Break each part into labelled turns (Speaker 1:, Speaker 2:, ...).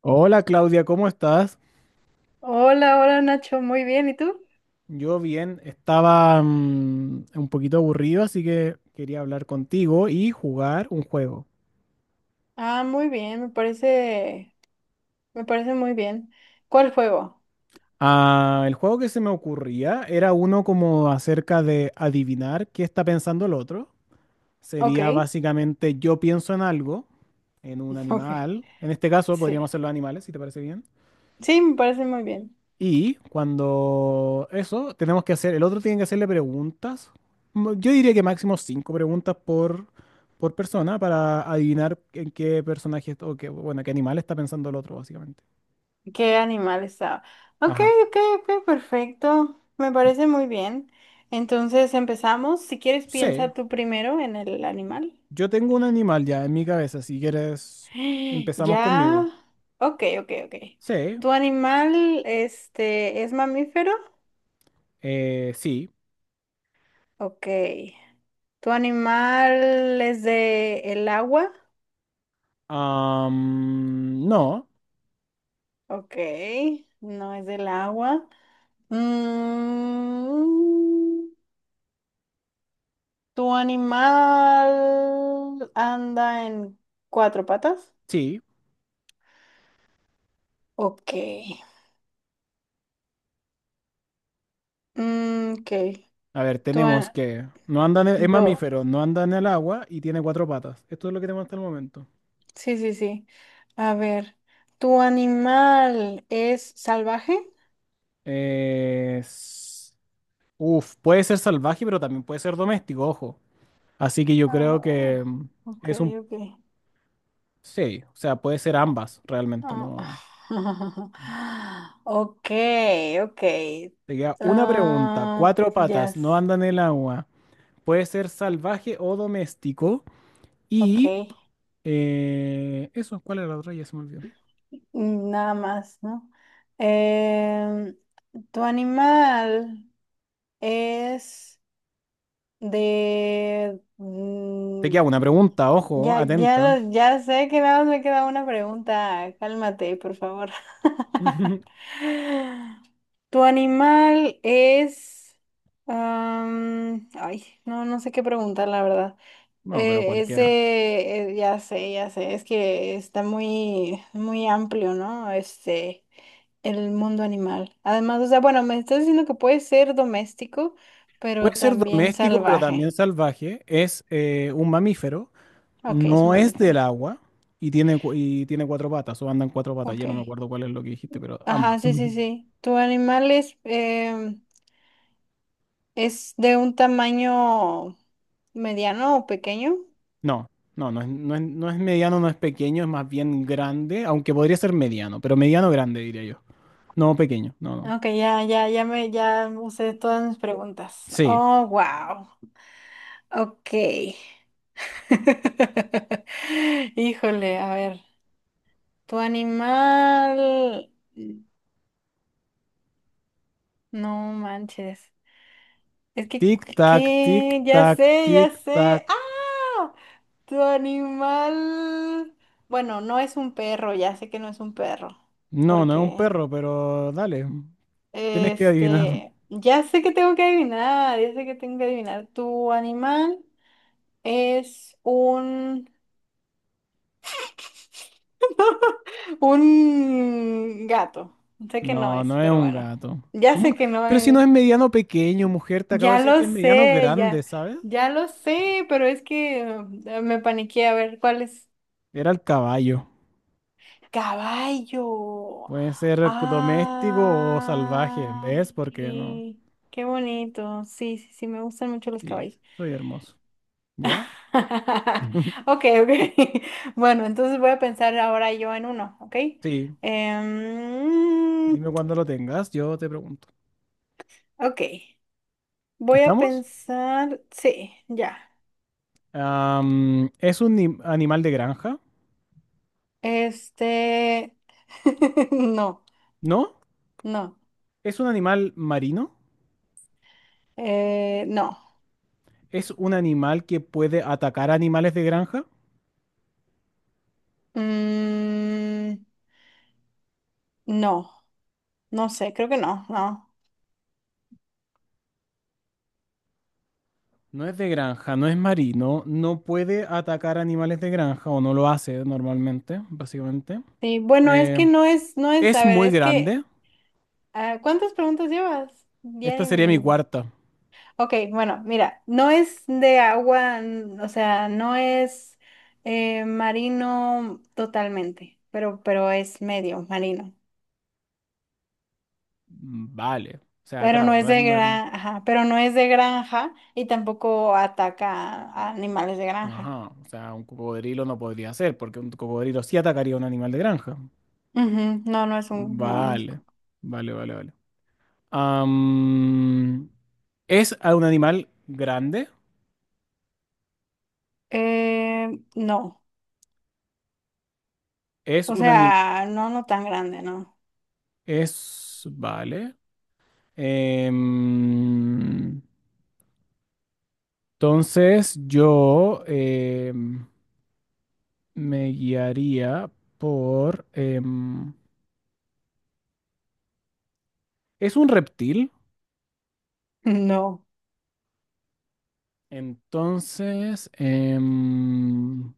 Speaker 1: Hola Claudia, ¿cómo estás?
Speaker 2: Hola, hola Nacho, muy bien, ¿y tú?
Speaker 1: Yo bien, estaba un poquito aburrido, así que quería hablar contigo y jugar un juego.
Speaker 2: Ah, muy bien, me parece muy bien. ¿Cuál juego?
Speaker 1: Ah, el juego que se me ocurría era uno como acerca de adivinar qué está pensando el otro. Sería
Speaker 2: Ok,
Speaker 1: básicamente yo pienso en algo, en un
Speaker 2: ok,
Speaker 1: animal. En este caso podríamos
Speaker 2: sí.
Speaker 1: hacerlo animales, si te parece bien.
Speaker 2: Sí, me parece muy bien.
Speaker 1: Y cuando eso, tenemos que hacer, el otro tiene que hacerle preguntas. Yo diría que máximo cinco preguntas por persona para adivinar en qué personaje est- o qué, bueno, qué animal está pensando el otro, básicamente.
Speaker 2: ¿Qué animal estaba? Ok,
Speaker 1: Ajá.
Speaker 2: ok, ok, perfecto. Me parece muy bien. Entonces empezamos. Si quieres,
Speaker 1: Sí,
Speaker 2: piensa tú primero en el animal.
Speaker 1: yo tengo un animal ya en mi cabeza, si quieres, empezamos
Speaker 2: Ya.
Speaker 1: conmigo.
Speaker 2: Ok, ok, ok.
Speaker 1: Sí,
Speaker 2: ¿Tu animal, este, es mamífero?
Speaker 1: sí.
Speaker 2: Ok. ¿Tu animal es de el agua?
Speaker 1: No,
Speaker 2: Ok. No es del agua. Mm, ¿Tu animal anda en cuatro patas?
Speaker 1: sí.
Speaker 2: Ok. Mm, ok.
Speaker 1: A ver,
Speaker 2: Tu
Speaker 1: tenemos
Speaker 2: a-
Speaker 1: que no anda en el- es
Speaker 2: do-
Speaker 1: mamífero, no anda en el agua y tiene cuatro patas. Esto es lo que tenemos hasta el momento.
Speaker 2: Sí, sí, sí. A ver. ¿Tu animal es salvaje?
Speaker 1: Eh, Puede ser salvaje, pero también puede ser doméstico, ojo. Así que yo creo
Speaker 2: Ah,
Speaker 1: que
Speaker 2: ok,
Speaker 1: es un... Sí, o sea, puede ser
Speaker 2: ok.
Speaker 1: ambas, realmente,
Speaker 2: Oh,
Speaker 1: ¿no?
Speaker 2: okay, okay.
Speaker 1: Te queda una pregunta.
Speaker 2: Ah,
Speaker 1: Cuatro
Speaker 2: yes,
Speaker 1: patas, no andan en el agua. Puede ser salvaje o doméstico. Y...
Speaker 2: okay.
Speaker 1: eso, ¿cuál era la otra? Ya se me olvidó.
Speaker 2: Mm, nada más, ¿no? Em, ¿Tu animal es de,
Speaker 1: Te
Speaker 2: mm,
Speaker 1: queda una pregunta, ojo,
Speaker 2: ya, ya,
Speaker 1: atenta.
Speaker 2: ya sé que nada más me queda una pregunta. Cálmate, por favor. ¿Tu animal es... ay, no, no sé qué preguntar, la verdad.
Speaker 1: No, pero
Speaker 2: Es
Speaker 1: cualquiera.
Speaker 2: de... ya sé, ya sé. Es que está muy, muy amplio, ¿no? Este, el mundo animal. Además, o sea, bueno, me estás diciendo que puede ser doméstico, pero
Speaker 1: Puede ser
Speaker 2: también
Speaker 1: doméstico, pero también
Speaker 2: salvaje.
Speaker 1: salvaje. Es un mamífero.
Speaker 2: Ok, es un
Speaker 1: No es
Speaker 2: mamífero.
Speaker 1: del agua y y tiene cuatro patas, o andan cuatro patas,
Speaker 2: Ok.
Speaker 1: ya no me acuerdo cuál es lo que dijiste, pero
Speaker 2: Ajá,
Speaker 1: ambas.
Speaker 2: sí, sí,
Speaker 1: Ujú.
Speaker 2: sí. ¿Tu animal es, es de un tamaño mediano o pequeño?
Speaker 1: No, no es, no es, no es mediano, no es pequeño, es más bien grande, aunque podría ser mediano, pero mediano grande diría yo. No pequeño, no, no.
Speaker 2: Ok, ya, ya, ya usé todas mis preguntas.
Speaker 1: Sí.
Speaker 2: Oh, wow. Ok. Híjole, a ver. Tu animal. No manches. Es que,
Speaker 1: Tic tac, tic
Speaker 2: ¿qué? Ya
Speaker 1: tac,
Speaker 2: sé, ya
Speaker 1: tic
Speaker 2: sé.
Speaker 1: tac.
Speaker 2: ¡Ah! Tu animal, bueno, no es un perro, ya sé que no es un perro,
Speaker 1: No, no es un
Speaker 2: porque,
Speaker 1: perro, pero dale, tienes que adivinar.
Speaker 2: este, ya sé que tengo que adivinar, ya sé que tengo que adivinar. Tu animal es un gato. Sé que no
Speaker 1: No,
Speaker 2: es,
Speaker 1: no es
Speaker 2: pero
Speaker 1: un
Speaker 2: bueno,
Speaker 1: gato.
Speaker 2: ya
Speaker 1: ¿Cómo?
Speaker 2: sé que no
Speaker 1: Pero si no
Speaker 2: es.
Speaker 1: es mediano pequeño, mujer, te acabo de
Speaker 2: Ya
Speaker 1: decir que
Speaker 2: lo
Speaker 1: es mediano
Speaker 2: sé,
Speaker 1: grande,
Speaker 2: ya,
Speaker 1: ¿sabes?
Speaker 2: ya lo sé, pero es que me paniqué a ver cuál es.
Speaker 1: Era el caballo.
Speaker 2: Caballo.
Speaker 1: Puede ser doméstico o salvaje, ¿ves? Porque no.
Speaker 2: Ay, qué bonito. Sí, sí, sí, me gustan mucho los
Speaker 1: Sí,
Speaker 2: caballos.
Speaker 1: soy hermoso. ¿Ya?
Speaker 2: Ok, ok. Bueno, entonces voy a pensar ahora yo en uno, ¿ok?
Speaker 1: Sí,
Speaker 2: Em,
Speaker 1: dime cuando lo tengas, yo te pregunto.
Speaker 2: ok, voy a
Speaker 1: ¿Estamos?
Speaker 2: pensar, sí, ya.
Speaker 1: Am, ¿es un animal de granja?
Speaker 2: Este, no,
Speaker 1: ¿No?
Speaker 2: no,
Speaker 1: ¿Es un animal marino?
Speaker 2: no.
Speaker 1: ¿Es un animal que puede atacar animales de granja?
Speaker 2: Mm, no, no sé, creo que no, no.
Speaker 1: No es de granja, no es marino, no puede atacar animales de granja o no lo hace normalmente, básicamente.
Speaker 2: Sí, bueno, es
Speaker 1: Eh,
Speaker 2: que no es, no es,
Speaker 1: ¿Es
Speaker 2: a ver,
Speaker 1: muy
Speaker 2: es que,
Speaker 1: grande?
Speaker 2: ah, ¿cuántas preguntas llevas? Ya ni
Speaker 1: Esta sería mi
Speaker 2: m-
Speaker 1: cuarta.
Speaker 2: Ok, bueno, mira, no es de agua, o sea, no es marino totalmente, pero es medio marino.
Speaker 1: Vale. O sea,
Speaker 2: Pero no
Speaker 1: claro,
Speaker 2: es
Speaker 1: no es
Speaker 2: de
Speaker 1: mar...
Speaker 2: granja, pero no es de granja y tampoco ataca a animales de granja.
Speaker 1: Ajá. O sea, un cocodrilo no podría ser, porque un cocodrilo sí atacaría a un animal de granja.
Speaker 2: Ujú, no, no es un, no,
Speaker 1: Vale. Vale, vale, vale. Am, ¿es a un animal grande?
Speaker 2: eh, no,
Speaker 1: Es
Speaker 2: o
Speaker 1: un animal...
Speaker 2: sea, no, no tan grande, no.
Speaker 1: Es... Vale. Em, entonces yo me guiaría por... ¿es un reptil?
Speaker 2: No.
Speaker 1: Entonces...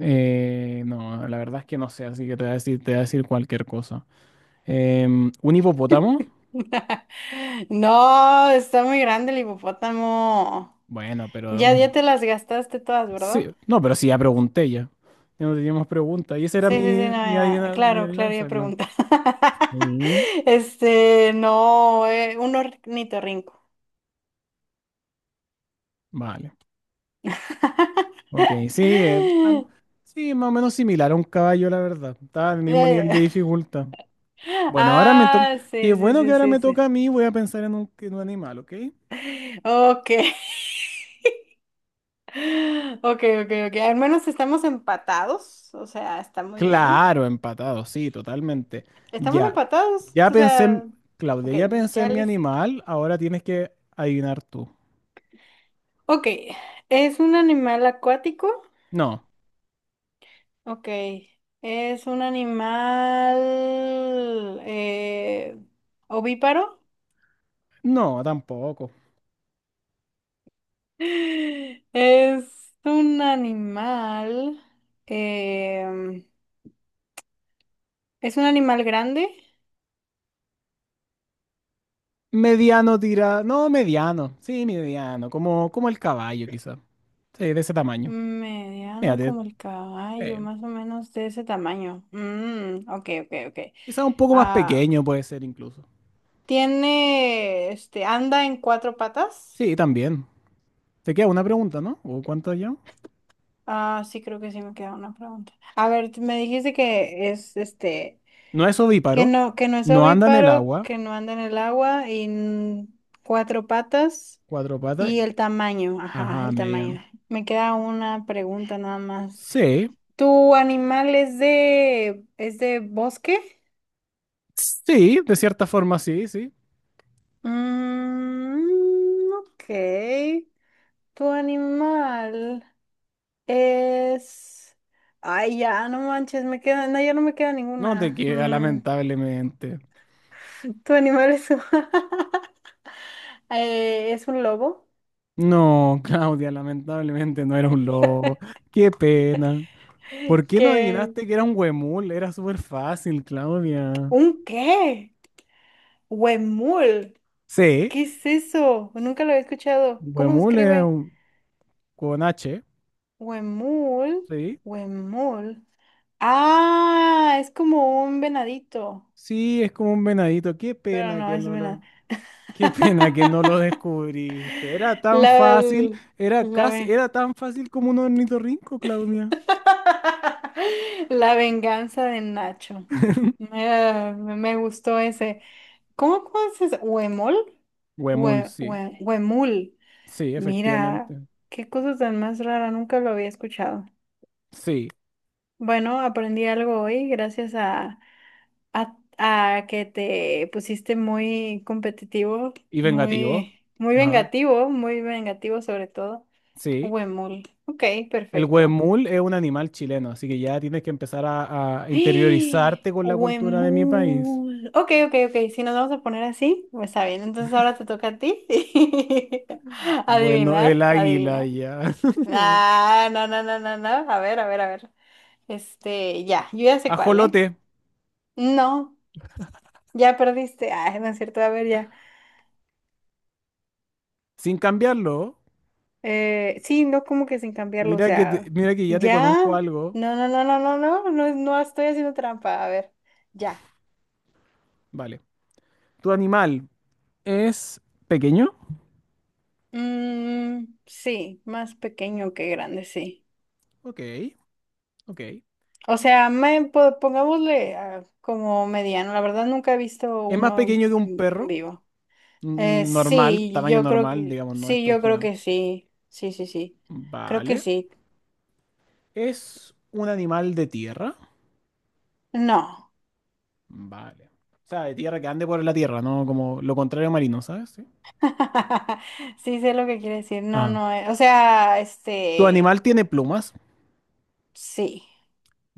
Speaker 1: eh, no, la verdad es que no sé, así que te voy a decir, te voy a decir cualquier cosa. Em, ¿un hipopótamo?
Speaker 2: No, está muy grande el hipopótamo.
Speaker 1: Bueno, pero...
Speaker 2: Ya, ya te las gastaste todas,
Speaker 1: sí,
Speaker 2: ¿verdad?
Speaker 1: no, pero sí, ya pregunté ya. Ya no teníamos pregunta. Y esa era
Speaker 2: Sí, sí, sí, no,
Speaker 1: mi
Speaker 2: ya.
Speaker 1: mi
Speaker 2: Claro, claro, ya
Speaker 1: adivinanza, claro.
Speaker 2: pregunta.
Speaker 1: Sí.
Speaker 2: Este, no, un ornitorrinco.
Speaker 1: Vale. Ok, sí, sí, más o menos similar a un caballo, la verdad. Está al mismo nivel de
Speaker 2: Eh,
Speaker 1: dificultad. Bueno, ahora me toca...
Speaker 2: ah,
Speaker 1: Qué
Speaker 2: sí, sí,
Speaker 1: bueno que
Speaker 2: sí,
Speaker 1: ahora
Speaker 2: sí,
Speaker 1: me
Speaker 2: sí.
Speaker 1: toca a mí, voy a pensar en un animal, ¿ok?
Speaker 2: Ok. Ok, ok, ok. Al menos estamos empatados. O sea, está muy bien.
Speaker 1: Claro, empatado, sí, totalmente.
Speaker 2: Estamos
Speaker 1: Ya,
Speaker 2: empatados.
Speaker 1: ya
Speaker 2: O
Speaker 1: pensé,
Speaker 2: sea,
Speaker 1: Claudia,
Speaker 2: ok,
Speaker 1: ya pensé
Speaker 2: ya
Speaker 1: en mi
Speaker 2: listo.
Speaker 1: animal, ahora tienes que adivinar tú.
Speaker 2: Ok, ¿es un animal acuático?
Speaker 1: No,
Speaker 2: Ok, ¿es un animal ovíparo?
Speaker 1: no, tampoco.
Speaker 2: ¿Es un animal... em, ¿es un animal grande?
Speaker 1: Mediano tira, no, mediano, sí, mediano, como, como el caballo quizá, sí, de ese tamaño.
Speaker 2: Mediano
Speaker 1: Fíjate,
Speaker 2: como el caballo,
Speaker 1: eh,
Speaker 2: más o menos de ese tamaño. Mm, ok, ok, ok.
Speaker 1: quizá un poco más
Speaker 2: Ah,
Speaker 1: pequeño puede ser incluso.
Speaker 2: ¿tiene, este, anda en cuatro patas?
Speaker 1: Sí, también. Te queda una pregunta, ¿no? ¿O cuánto ya?
Speaker 2: Ah, sí, creo que sí me queda una pregunta. A ver, me dijiste que es este,
Speaker 1: No es ovíparo,
Speaker 2: que no es
Speaker 1: no anda en el
Speaker 2: ovíparo,
Speaker 1: agua,
Speaker 2: que no anda en el agua y cuatro patas
Speaker 1: cuatro patas,
Speaker 2: y el tamaño, ajá,
Speaker 1: ajá,
Speaker 2: el
Speaker 1: mediano.
Speaker 2: tamaño. Me queda una pregunta nada más.
Speaker 1: Sí,
Speaker 2: ¿Tu animal es de bosque?
Speaker 1: sí, de cierta forma sí, sí.
Speaker 2: Mm, ok. ¿Tu animal es... ay, ya, no manches, me queda, no, ya no me queda
Speaker 1: No te
Speaker 2: ninguna.
Speaker 1: queda,
Speaker 2: Mm.
Speaker 1: lamentablemente.
Speaker 2: Tu animal es un, es un lobo.
Speaker 1: No, Claudia, lamentablemente no era un lobo. Qué pena. ¿Por qué no
Speaker 2: ¿Qué?
Speaker 1: adivinaste que era un huemul? Era súper fácil, Claudia.
Speaker 2: ¿Un qué? Huemul.
Speaker 1: Sí,
Speaker 2: ¿Qué es eso? Nunca lo he escuchado. ¿Cómo se
Speaker 1: huemul es
Speaker 2: escribe?
Speaker 1: un- con H,
Speaker 2: Huemul.
Speaker 1: sí.
Speaker 2: Huemul. Ah, es como un venadito.
Speaker 1: Sí, es como un venadito. Qué
Speaker 2: Pero
Speaker 1: pena
Speaker 2: no,
Speaker 1: que
Speaker 2: es
Speaker 1: no
Speaker 2: venado.
Speaker 1: qué pena que no lo descubriste. Era tan
Speaker 2: La,
Speaker 1: fácil, era
Speaker 2: la,
Speaker 1: casi,
Speaker 2: ve-
Speaker 1: era tan fácil como un ornitorrinco, Claudia.
Speaker 2: la venganza de Nacho. Me gustó ese. ¿Cómo, conoces? Se dice? ¿Huemol?
Speaker 1: Huemul, sí.
Speaker 2: Huemul.
Speaker 1: Sí,
Speaker 2: Mira,
Speaker 1: efectivamente.
Speaker 2: qué cosa tan más rara, nunca lo había escuchado.
Speaker 1: Sí,
Speaker 2: Bueno, aprendí algo hoy gracias a, a que te pusiste muy competitivo,
Speaker 1: y vengativo.
Speaker 2: muy,
Speaker 1: Ajá.
Speaker 2: muy vengativo sobre todo.
Speaker 1: Sí.
Speaker 2: Huemul. Ok,
Speaker 1: El
Speaker 2: perfecto.
Speaker 1: huemul es un animal chileno, así que ya tienes que empezar a interiorizarte con la cultura de mi país.
Speaker 2: Huemul. Ok, ok, ok. Si nos vamos a poner así, pues está bien. Entonces ahora te toca a ti.
Speaker 1: Bueno, el
Speaker 2: Adivinar,
Speaker 1: águila
Speaker 2: adivinar.
Speaker 1: ya.
Speaker 2: Ah, no, no, no, no, no. A ver, a ver, a ver. Este, ya, yo ya sé cuál, ¿eh?
Speaker 1: Ajolote,
Speaker 2: No, ya perdiste. Ah, no es cierto, a ver, ya.
Speaker 1: sin cambiarlo.
Speaker 2: Sí, no como que sin cambiarlo, o
Speaker 1: Mira que
Speaker 2: sea,
Speaker 1: mira que ya te
Speaker 2: ya.
Speaker 1: conozco algo.
Speaker 2: No, no, no, no, no, no, no, no estoy haciendo trampa. A ver, ya.
Speaker 1: Vale. ¿Tu animal es pequeño?
Speaker 2: Mm, sí, más pequeño que grande, sí.
Speaker 1: Ok, ok.
Speaker 2: O sea, pongámosle ah, como mediano. La verdad nunca he visto
Speaker 1: ¿Es más
Speaker 2: uno en,
Speaker 1: pequeño que un
Speaker 2: en
Speaker 1: perro?
Speaker 2: vivo.
Speaker 1: Normal,
Speaker 2: Sí,
Speaker 1: tamaño
Speaker 2: yo creo
Speaker 1: normal,
Speaker 2: que
Speaker 1: digamos, no
Speaker 2: sí,
Speaker 1: estos
Speaker 2: yo creo
Speaker 1: gigantes.
Speaker 2: que sí. Sí, sí, sí. Creo que
Speaker 1: Vale.
Speaker 2: sí.
Speaker 1: ¿Es un animal de tierra?
Speaker 2: No.
Speaker 1: Vale. O sea, de tierra que ande por la tierra, ¿no? Como lo contrario a marino, ¿sabes? Sí.
Speaker 2: Sí sé lo que quiere decir. No,
Speaker 1: Ah.
Speaker 2: no. O sea,
Speaker 1: ¿Tu
Speaker 2: este,
Speaker 1: animal tiene plumas?
Speaker 2: sí.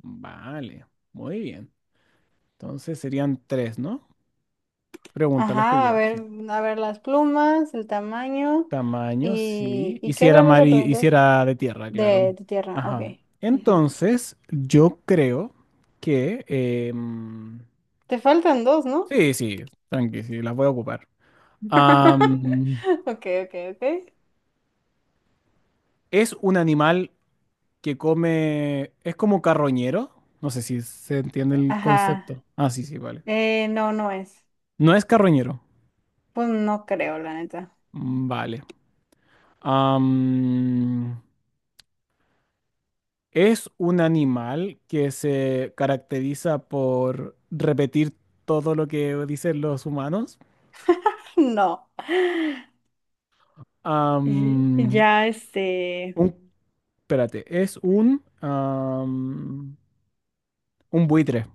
Speaker 1: Vale. Muy bien. Entonces serían tres, ¿no? Pregunta las que
Speaker 2: Ajá,
Speaker 1: yo, sí.
Speaker 2: a ver las plumas, el tamaño
Speaker 1: Tamaño, sí. Y
Speaker 2: ¿y qué
Speaker 1: si era
Speaker 2: otra cosa
Speaker 1: mari y si
Speaker 2: preguntas?
Speaker 1: era de tierra, claro.
Speaker 2: De tu tierra, ok.
Speaker 1: Ajá.
Speaker 2: Ujú.
Speaker 1: Entonces, yo creo que...
Speaker 2: Te faltan dos, ¿no?
Speaker 1: sí, sí, tranqui, sí, las voy a ocupar. Am,
Speaker 2: Ok, ok, ok.
Speaker 1: ¿es un animal que come, es como carroñero. No sé si se entiende el
Speaker 2: Ajá.
Speaker 1: concepto. Ah, sí, sí, vale.
Speaker 2: No, no es.
Speaker 1: No es carroñero.
Speaker 2: Pues no creo, la neta.
Speaker 1: Vale. Am, es un animal que se caracteriza por repetir todo lo que dicen los humanos.
Speaker 2: No.
Speaker 1: Am,
Speaker 2: Ya, este.
Speaker 1: un, espérate, es un, un buitre.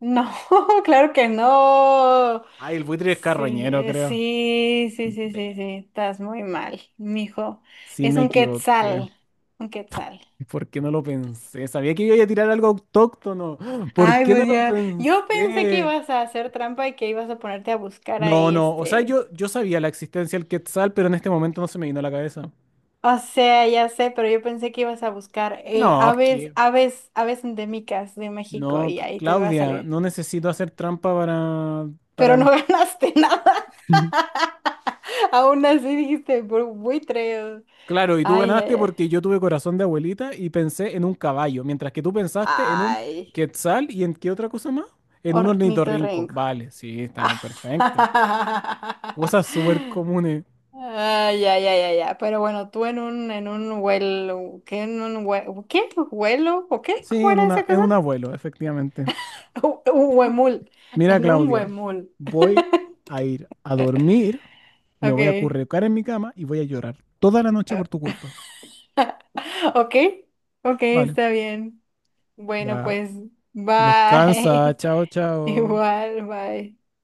Speaker 2: No, claro que no.
Speaker 1: Ay, el buitre es
Speaker 2: Sí,
Speaker 1: carroñero, creo.
Speaker 2: sí, sí, sí,
Speaker 1: Ve,
Speaker 2: sí, sí. Estás muy mal, mijo.
Speaker 1: sí
Speaker 2: Es
Speaker 1: me
Speaker 2: un
Speaker 1: equivoqué.
Speaker 2: quetzal. Un quetzal.
Speaker 1: ¿Por qué no lo pensé? Sabía que iba a tirar algo autóctono. ¿Por
Speaker 2: Ay,
Speaker 1: qué no
Speaker 2: pues
Speaker 1: lo
Speaker 2: ya. Yo pensé que
Speaker 1: pensé?
Speaker 2: ibas a hacer trampa y que ibas a ponerte a buscar
Speaker 1: No,
Speaker 2: ahí,
Speaker 1: no. O sea,
Speaker 2: este.
Speaker 1: yo sabía la existencia del Quetzal, pero en este momento no se me vino a la cabeza.
Speaker 2: O sea, ya sé, pero yo pensé que ibas a buscar
Speaker 1: No,
Speaker 2: aves,
Speaker 1: que
Speaker 2: aves, aves endémicas de México
Speaker 1: No,
Speaker 2: y ahí te iba a
Speaker 1: Claudia,
Speaker 2: salir.
Speaker 1: no necesito hacer trampa
Speaker 2: Pero
Speaker 1: para...
Speaker 2: no ganaste nada. Aún así dijiste buitre.
Speaker 1: Claro, y tú
Speaker 2: Ay, ay,
Speaker 1: ganaste
Speaker 2: ay.
Speaker 1: porque yo tuve corazón de abuelita y pensé en un caballo, mientras que tú pensaste en un
Speaker 2: Ay,
Speaker 1: Quetzal y en qué otra cosa más. En un ornitorrinco.
Speaker 2: ornitorrinco.
Speaker 1: Vale, sí, está perfecto. Cosas súper comunes.
Speaker 2: Ay, ay, ay, ay, ay. Pero bueno, tú en un vuelo, ¿qué? En un ¿qué? ¿Vuelo? ¿O qué?
Speaker 1: Sí,
Speaker 2: ¿Cómo
Speaker 1: en
Speaker 2: era
Speaker 1: una,
Speaker 2: esa
Speaker 1: en
Speaker 2: cosa?
Speaker 1: un abuelo, efectivamente.
Speaker 2: Un huemul.
Speaker 1: Mira,
Speaker 2: En un
Speaker 1: Claudia,
Speaker 2: huemul.
Speaker 1: voy a ir a dormir, me voy a
Speaker 2: Okay,
Speaker 1: acurrucar en mi cama y voy a llorar toda la noche por tu culpa.
Speaker 2: okay, okay,
Speaker 1: Vale,
Speaker 2: está bien. Bueno,
Speaker 1: ya
Speaker 2: pues,
Speaker 1: descansa,
Speaker 2: bye.
Speaker 1: chao, chao.
Speaker 2: Igual, bye.